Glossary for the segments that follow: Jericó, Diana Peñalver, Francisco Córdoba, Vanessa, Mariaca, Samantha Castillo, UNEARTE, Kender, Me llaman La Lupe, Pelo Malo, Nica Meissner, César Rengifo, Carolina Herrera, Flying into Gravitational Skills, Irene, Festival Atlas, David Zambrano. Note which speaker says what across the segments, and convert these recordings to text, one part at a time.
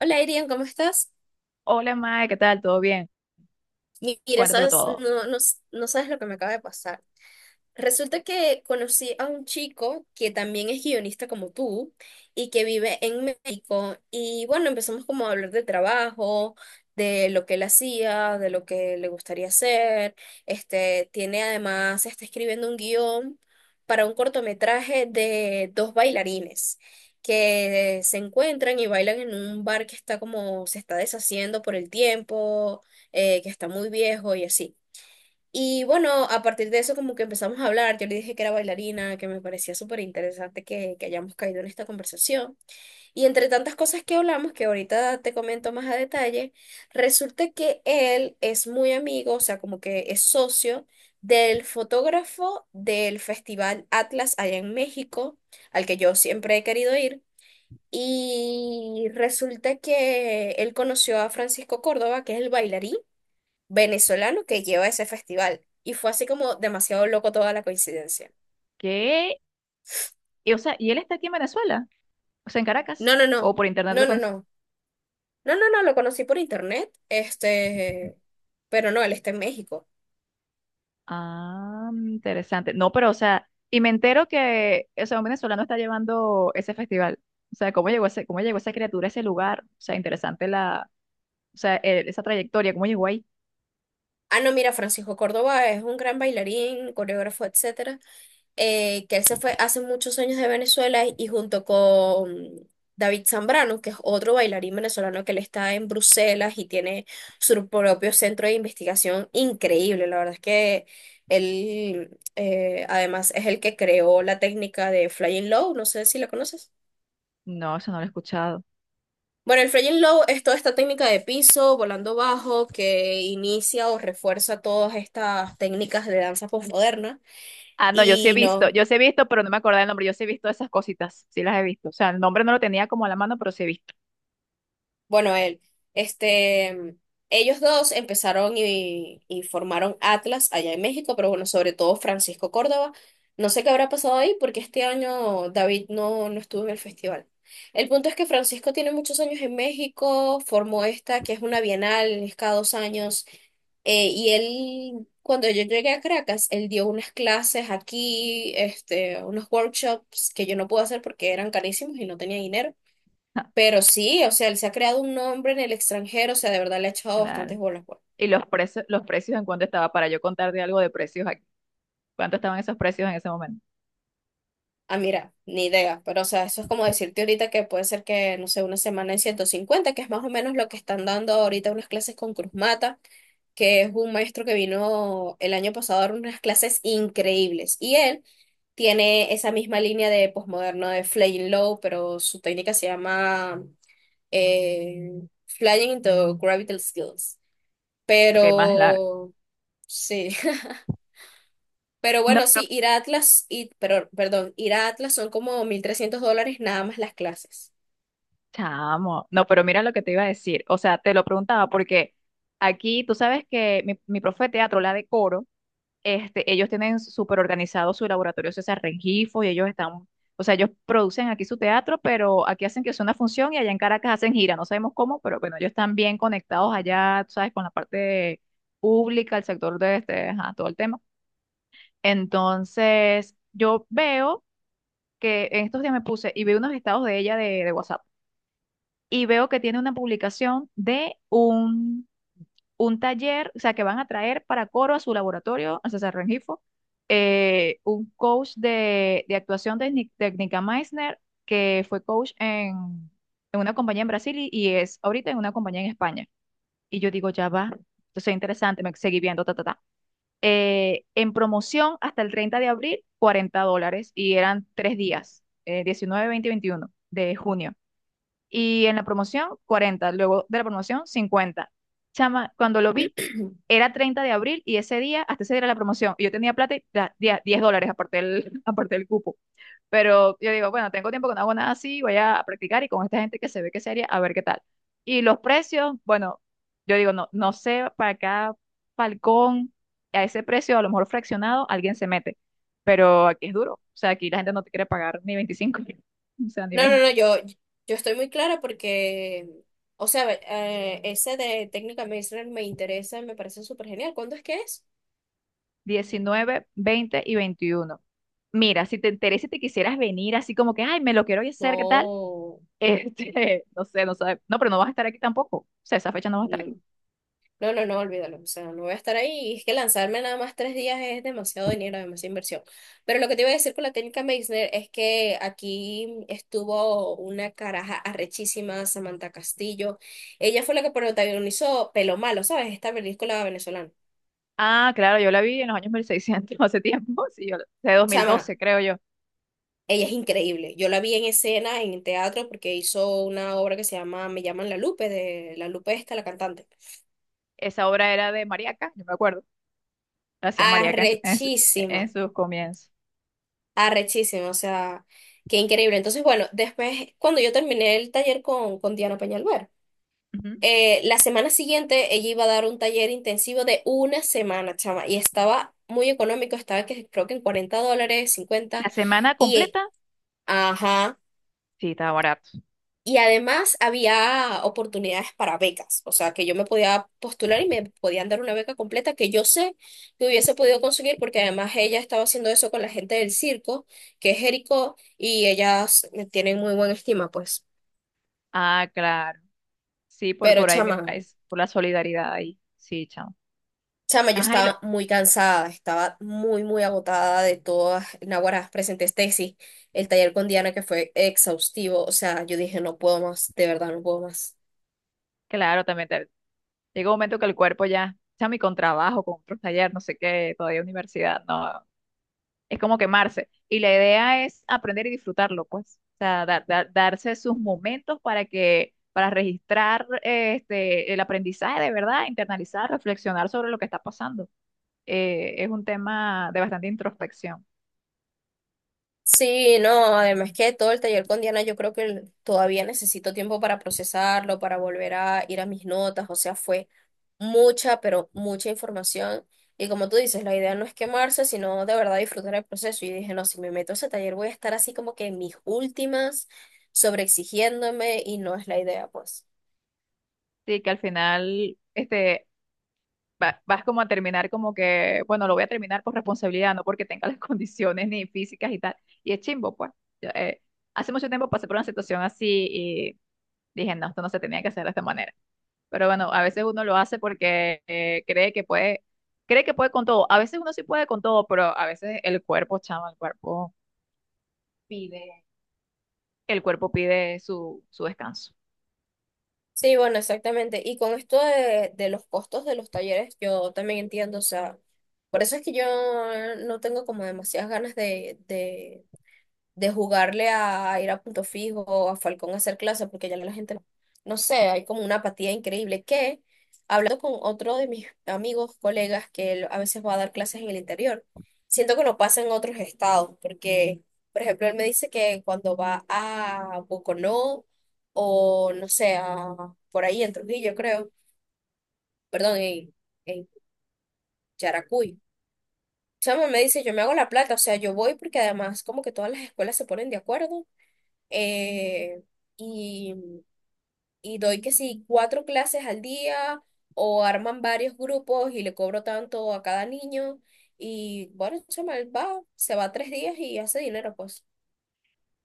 Speaker 1: Hola, Irian, ¿cómo estás?
Speaker 2: Hola, Mae, ¿qué tal? ¿Todo bien?
Speaker 1: Mira,
Speaker 2: Cuéntamelo
Speaker 1: sabes,
Speaker 2: todo.
Speaker 1: no, no, no sabes lo que me acaba de pasar. Resulta que conocí a un chico que también es guionista como tú y que vive en México. Y bueno, empezamos como a hablar de trabajo, de lo que él hacía, de lo que le gustaría hacer. Tiene además, está escribiendo un guión para un cortometraje de dos bailarines que se encuentran y bailan en un bar que está como, se está deshaciendo por el tiempo, que está muy viejo y así. Y bueno, a partir de eso como que empezamos a hablar, yo le dije que era bailarina, que me parecía súper interesante que hayamos caído en esta conversación. Y entre tantas cosas que hablamos, que ahorita te comento más a detalle, resulta que él es muy amigo, o sea, como que es socio del fotógrafo del Festival Atlas allá en México, al que yo siempre he querido ir. Y resulta que él conoció a Francisco Córdoba, que es el bailarín venezolano que lleva ese festival. Y fue así como demasiado loco toda la coincidencia.
Speaker 2: ¿Qué? Y, o sea, ¿y él está aquí en Venezuela? O sea, en Caracas.
Speaker 1: No, no, no,
Speaker 2: ¿O por internet
Speaker 1: no,
Speaker 2: lo
Speaker 1: no,
Speaker 2: conoces?
Speaker 1: no, no, no, no, lo conocí por internet, pero no, él está en México.
Speaker 2: Ah, interesante. No, pero, o sea, y me entero que, o sea, un venezolano está llevando ese festival. O sea, ¿cómo llegó ese, cómo llegó esa criatura a ese lugar? O sea, interesante la, o sea, esa trayectoria, ¿cómo llegó ahí?
Speaker 1: Ah, no, mira, Francisco Córdoba es un gran bailarín, coreógrafo, etcétera, que él se fue hace muchos años de Venezuela y junto con David Zambrano, que es otro bailarín venezolano que él está en Bruselas y tiene su propio centro de investigación increíble. La verdad es que él, además, es el que creó la técnica de Flying Low, no sé si la conoces.
Speaker 2: No, eso no lo he escuchado.
Speaker 1: Bueno, el Flying Low es toda esta técnica de piso, volando bajo, que inicia o refuerza todas estas técnicas de danza postmoderna.
Speaker 2: Ah, no, yo sí he
Speaker 1: Y
Speaker 2: visto,
Speaker 1: no.
Speaker 2: yo sí he visto, pero no me acordaba el nombre. Yo sí he visto esas cositas, sí las he visto. O sea, el nombre no lo tenía como a la mano, pero sí he visto.
Speaker 1: Bueno, él, este, ellos dos empezaron y formaron Atlas allá en México, pero bueno, sobre todo Francisco Córdoba. No sé qué habrá pasado ahí porque este año David no estuvo en el festival. El punto es que Francisco tiene muchos años en México, formó esta que es una bienal, es cada 2 años, y él, cuando yo llegué a Caracas, él dio unas clases aquí, unos workshops que yo no pude hacer porque eran carísimos y no tenía dinero. Pero sí, o sea, él se ha creado un nombre en el extranjero, o sea, de verdad le ha echado
Speaker 2: Claro.
Speaker 1: bastantes bolas, pues.
Speaker 2: Y los precios en cuánto estaba para yo contarte algo de precios aquí. ¿Cuánto estaban esos precios en ese momento?
Speaker 1: Ah, mira, ni idea, pero o sea, eso es como decirte ahorita que puede ser que, no sé, una semana en 150, que es más o menos lo que están dando ahorita unas clases con Cruz Mata, que es un maestro que vino el año pasado a dar unas clases increíbles. Y él tiene esa misma línea de posmoderno de Flying Low, pero su técnica se llama eh, Flying into Gravitational Skills.
Speaker 2: Ok, más largo.
Speaker 1: Pero sí. Pero
Speaker 2: No,
Speaker 1: bueno,
Speaker 2: no,
Speaker 1: sí, ir a Atlas, y, pero, perdón, ir a Atlas son como $1,300 nada más las clases.
Speaker 2: chamo. No, pero mira lo que te iba a decir. O sea, te lo preguntaba porque aquí tú sabes que mi profe de teatro, la de coro. Este, ellos tienen súper organizado su laboratorio César Rengifo y ellos están, o sea, ellos producen aquí su teatro, pero aquí hacen que sea una función y allá en Caracas hacen gira, no sabemos cómo, pero bueno, ellos están bien conectados allá, tú sabes, con la parte pública, el sector de este, ajá, todo el tema. Entonces, yo veo que en estos días me puse y vi unos estados de ella de, WhatsApp y veo que tiene una publicación de un taller, o sea, que van a traer para coro a su laboratorio, a César Rengifo, un coach de, actuación de, de Nica Meissner, que fue coach en una compañía en Brasil y es ahorita en una compañía en España. Y yo digo, ya va, entonces interesante, me seguí viendo, ta, ta, ta. En promoción hasta el 30 de abril, $40 y eran tres días, 19, 20 y 21 de junio. Y en la promoción, 40. Luego de la promoción, 50. Chama, cuando lo vi, era 30 de abril y ese día, hasta ese día era la promoción. Y yo tenía plata y 10, $10 aparte del, aparte del cupo. Pero yo digo, bueno, tengo tiempo que no hago nada así, voy a practicar y con esta gente que se ve que es seria, a ver qué tal. Y los precios, bueno, yo digo, no, no sé, para cada falcón, a ese precio, a lo mejor fraccionado, alguien se mete. Pero aquí es duro. O sea, aquí la gente no te quiere pagar ni 25, o sea, ni
Speaker 1: No, no, no, yo estoy muy clara porque, o sea, ese de técnica medicinal me interesa, me parece súper genial. ¿Cuándo es que es?
Speaker 2: 19, 20 y 21. Mira, si te interesa y te quisieras venir así como que, ay, me lo quiero hacer, ¿qué tal?
Speaker 1: No,
Speaker 2: Este, no sé, no sabes. No, pero no vas a estar aquí tampoco. O sea, esa fecha no vas a estar
Speaker 1: no.
Speaker 2: aquí.
Speaker 1: No, no, no, olvídalo. O sea, no voy a estar ahí. Y es que lanzarme nada más 3 días es demasiado dinero, demasiada inversión. Pero lo que te iba a decir con la técnica Meissner es que aquí estuvo una caraja arrechísima, Samantha Castillo. Ella fue la que protagonizó Pelo Malo, ¿sabes? Esta película venezolana.
Speaker 2: Ah, claro, yo la vi en los años 1600, hace tiempo, sí, yo, de dos mil
Speaker 1: Chama,
Speaker 2: doce creo yo.
Speaker 1: ella es increíble. Yo la vi en escena, en teatro, porque hizo una obra que se llama Me llaman La Lupe, de La Lupe esta, la cantante.
Speaker 2: Esa obra era de Mariaca, yo me acuerdo. La hacía Mariaca en, su- en, su-
Speaker 1: Arrechísima.
Speaker 2: en sus comienzos.
Speaker 1: Arrechísimo, o sea, qué increíble. Entonces, bueno, después, cuando yo terminé el taller con, Diana Peñalver,
Speaker 2: Ujú.
Speaker 1: la semana siguiente ella iba a dar un taller intensivo de una semana, chama, y estaba muy económico, estaba que, creo que en $40, 50
Speaker 2: La semana
Speaker 1: y,
Speaker 2: completa,
Speaker 1: ajá,
Speaker 2: sí, estaba barato.
Speaker 1: y además había oportunidades para becas, o sea, que yo me podía postular y me podían dar una beca completa que yo sé que hubiese podido conseguir porque además ella estaba haciendo eso con la gente del circo, que es Jericó, y ellas me tienen muy buena estima, pues.
Speaker 2: Ah, claro. Sí, por,
Speaker 1: Pero
Speaker 2: por ahí, mi
Speaker 1: chama,
Speaker 2: país, por la solidaridad ahí. Sí, chao.
Speaker 1: chama, yo
Speaker 2: Ajá,
Speaker 1: estaba muy cansada, estaba muy, muy agotada de todas, Naguará, presenté tesis, el taller con Diana que fue exhaustivo, o sea, yo dije, no puedo más, de verdad, no puedo más.
Speaker 2: claro, también llega un momento que el cuerpo ya, chami, con trabajo, con otros talleres, no sé qué, todavía universidad, no, es como quemarse. Y la idea es aprender y disfrutarlo, pues. O sea, darse sus momentos para que, para registrar este, el aprendizaje de verdad, internalizar, reflexionar sobre lo que está pasando. Es un tema de bastante introspección.
Speaker 1: Sí, no, además que todo el taller con Diana, yo creo que todavía necesito tiempo para procesarlo, para volver a ir a mis notas, o sea, fue mucha, pero mucha información. Y como tú dices, la idea no es quemarse, sino de verdad disfrutar el proceso. Y dije, no, si me meto a ese taller voy a estar así como que en mis últimas, sobreexigiéndome, y no es la idea, pues.
Speaker 2: Sí, que al final, este, vas como a terminar como que, bueno, lo voy a terminar por responsabilidad, no porque tenga las condiciones ni físicas y tal. Y es chimbo, pues. Yo, hace mucho tiempo pasé por una situación así y dije, no, esto no se tenía que hacer de esta manera. Pero bueno, a veces uno lo hace porque cree que puede con todo. A veces uno sí puede con todo, pero a veces el cuerpo, chama, pide, el cuerpo pide su descanso.
Speaker 1: Sí, bueno, exactamente. Y con esto de, los costos de los talleres, yo también entiendo, o sea, por eso es que yo no tengo como demasiadas ganas de jugarle a ir a punto fijo, a Falcón a hacer clase, porque ya la gente, no sé, hay como una apatía increíble que, hablando con otro de mis amigos, colegas, que él a veces va a dar clases en el interior, siento que no pasa en otros estados, porque, por ejemplo, él me dice que cuando va a Boconó o, no sé, a, por ahí en Trujillo, creo, perdón, en Yaracuy. Chamo me dice, yo me hago la plata, o sea, yo voy porque además como que todas las escuelas se ponen de acuerdo, eh, y, y doy que sí, 4 clases al día o arman varios grupos y le cobro tanto a cada niño. Y bueno, chaval, va, se va 3 días y hace dinero, pues.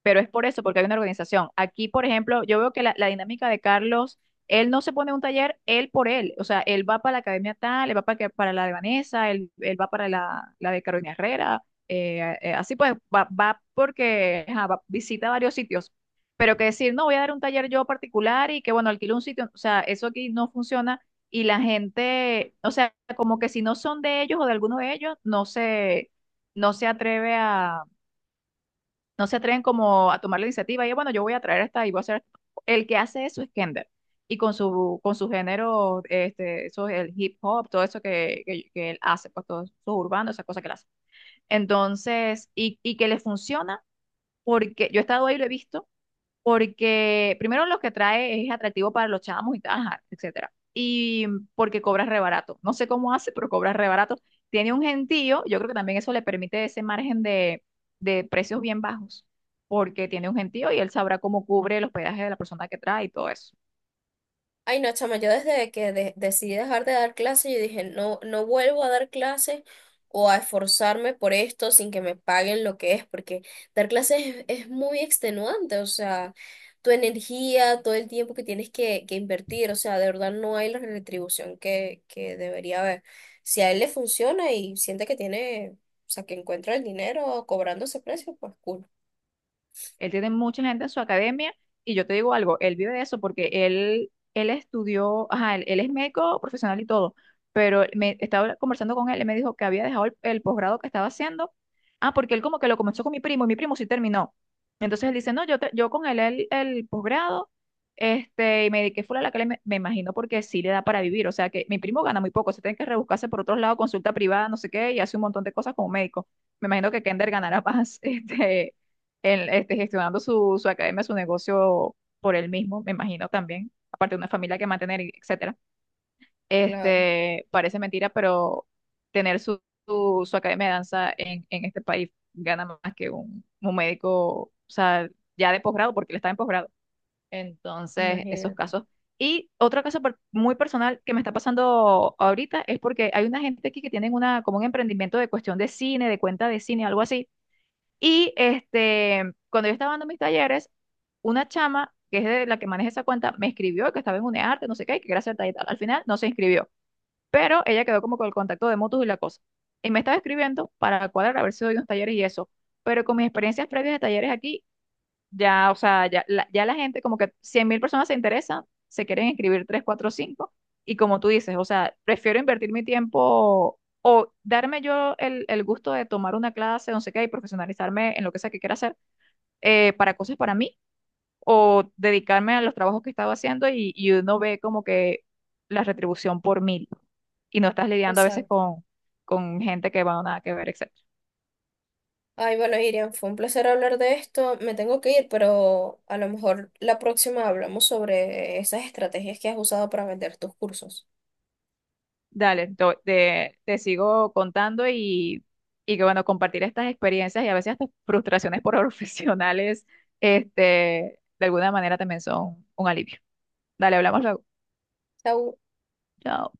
Speaker 2: Pero es por eso, porque hay una organización. Aquí, por ejemplo, yo veo que la dinámica de Carlos, él no se pone un taller él por él, o sea, él va para la academia tal, él va para la de Vanessa, él va para la de Carolina Herrera, así pues, va porque ajá, visita varios sitios, pero que decir, no, voy a dar un taller yo particular y que bueno, alquilo un sitio, o sea, eso aquí no funciona. Y la gente, o sea, como que si no son de ellos o de alguno de ellos, no se atreve no se atreven como a tomar la iniciativa y bueno, yo voy a traer esta y voy a hacer esto. El que hace eso es Kender. Y con su género, este, eso es el hip hop, todo eso que él hace, pues todo eso urbano, esa cosa que él hace. Entonces, y que le funciona, porque yo he estado ahí y lo he visto, porque primero lo que trae es atractivo para los chamos y tal, ajá, etcétera. Y porque cobra re barato. No sé cómo hace, pero cobra re barato. Tiene un gentío, yo creo que también eso le permite ese margen de precios bien bajos, porque tiene un gentío y él sabrá cómo cubre el hospedaje de la persona que trae y todo eso.
Speaker 1: Ay, no, chama, yo desde que decidí dejar de dar clases, yo dije, no, no vuelvo a dar clases o a esforzarme por esto sin que me paguen lo que es, porque dar clases es, muy extenuante, o sea, tu energía, todo el tiempo que tienes que invertir, o sea, de verdad no hay la retribución que debería haber. Si a él le funciona y siente que tiene, o sea, que encuentra el dinero cobrando ese precio, pues cool.
Speaker 2: Él tiene mucha gente en su academia y yo te digo algo, él vive de eso porque él estudió, ajá, él es médico profesional y todo, pero me estaba conversando con él y me dijo que había dejado el posgrado que estaba haciendo. Ah, porque él como que lo comenzó con mi primo y mi primo sí terminó. Entonces él dice, no, yo con él el posgrado, este, y me dediqué full a la que me imagino porque sí le da para vivir. O sea que mi primo gana muy poco, se tiene que rebuscarse por otros lados, consulta privada, no sé qué, y hace un montón de cosas como médico. Me imagino que Kender ganará más, este, él, este, gestionando su academia, su negocio por él mismo, me imagino también, aparte de una familia que mantener, y etcétera.
Speaker 1: Claro,
Speaker 2: Este, parece mentira, pero tener su academia de danza en este país gana más que un médico, o sea, ya de posgrado, porque él está en posgrado. Entonces, esos
Speaker 1: imagínate.
Speaker 2: casos. Y otro caso muy personal que me está pasando ahorita es porque hay una gente aquí que tienen una, como un emprendimiento de cuestión de cine, de cuenta de cine, algo así y este, cuando yo estaba dando mis talleres, una chama, que es de la que maneja esa cuenta, me escribió que estaba en UNEARTE, no sé qué, y que quería hacer tal y tal. Al final no se inscribió, pero ella quedó como con el contacto de motus y la cosa. Y me estaba escribiendo para cuadrar a ver si doy unos talleres y eso. Pero con mis experiencias previas de talleres aquí, ya, o sea, ya la, gente, como que 100.000 personas se interesan, se quieren inscribir 3, 4, 5 y como tú dices, o sea, prefiero invertir mi tiempo o darme yo el gusto de tomar una clase, no sé qué, y profesionalizarme en lo que sea que quiera hacer, para cosas para mí, o dedicarme a los trabajos que estaba haciendo y uno ve como que la retribución por mil, y no estás lidiando a veces
Speaker 1: Exacto.
Speaker 2: con, gente que va a nada que ver, etc.
Speaker 1: Ay, bueno, Irian, fue un placer hablar de esto. Me tengo que ir, pero a lo mejor la próxima hablamos sobre esas estrategias que has usado para vender tus cursos.
Speaker 2: Dale, te sigo contando y que bueno, compartir estas experiencias y a veces estas frustraciones por profesionales, este, de alguna manera también son un alivio. Dale, hablamos luego.
Speaker 1: Chau.
Speaker 2: Chao.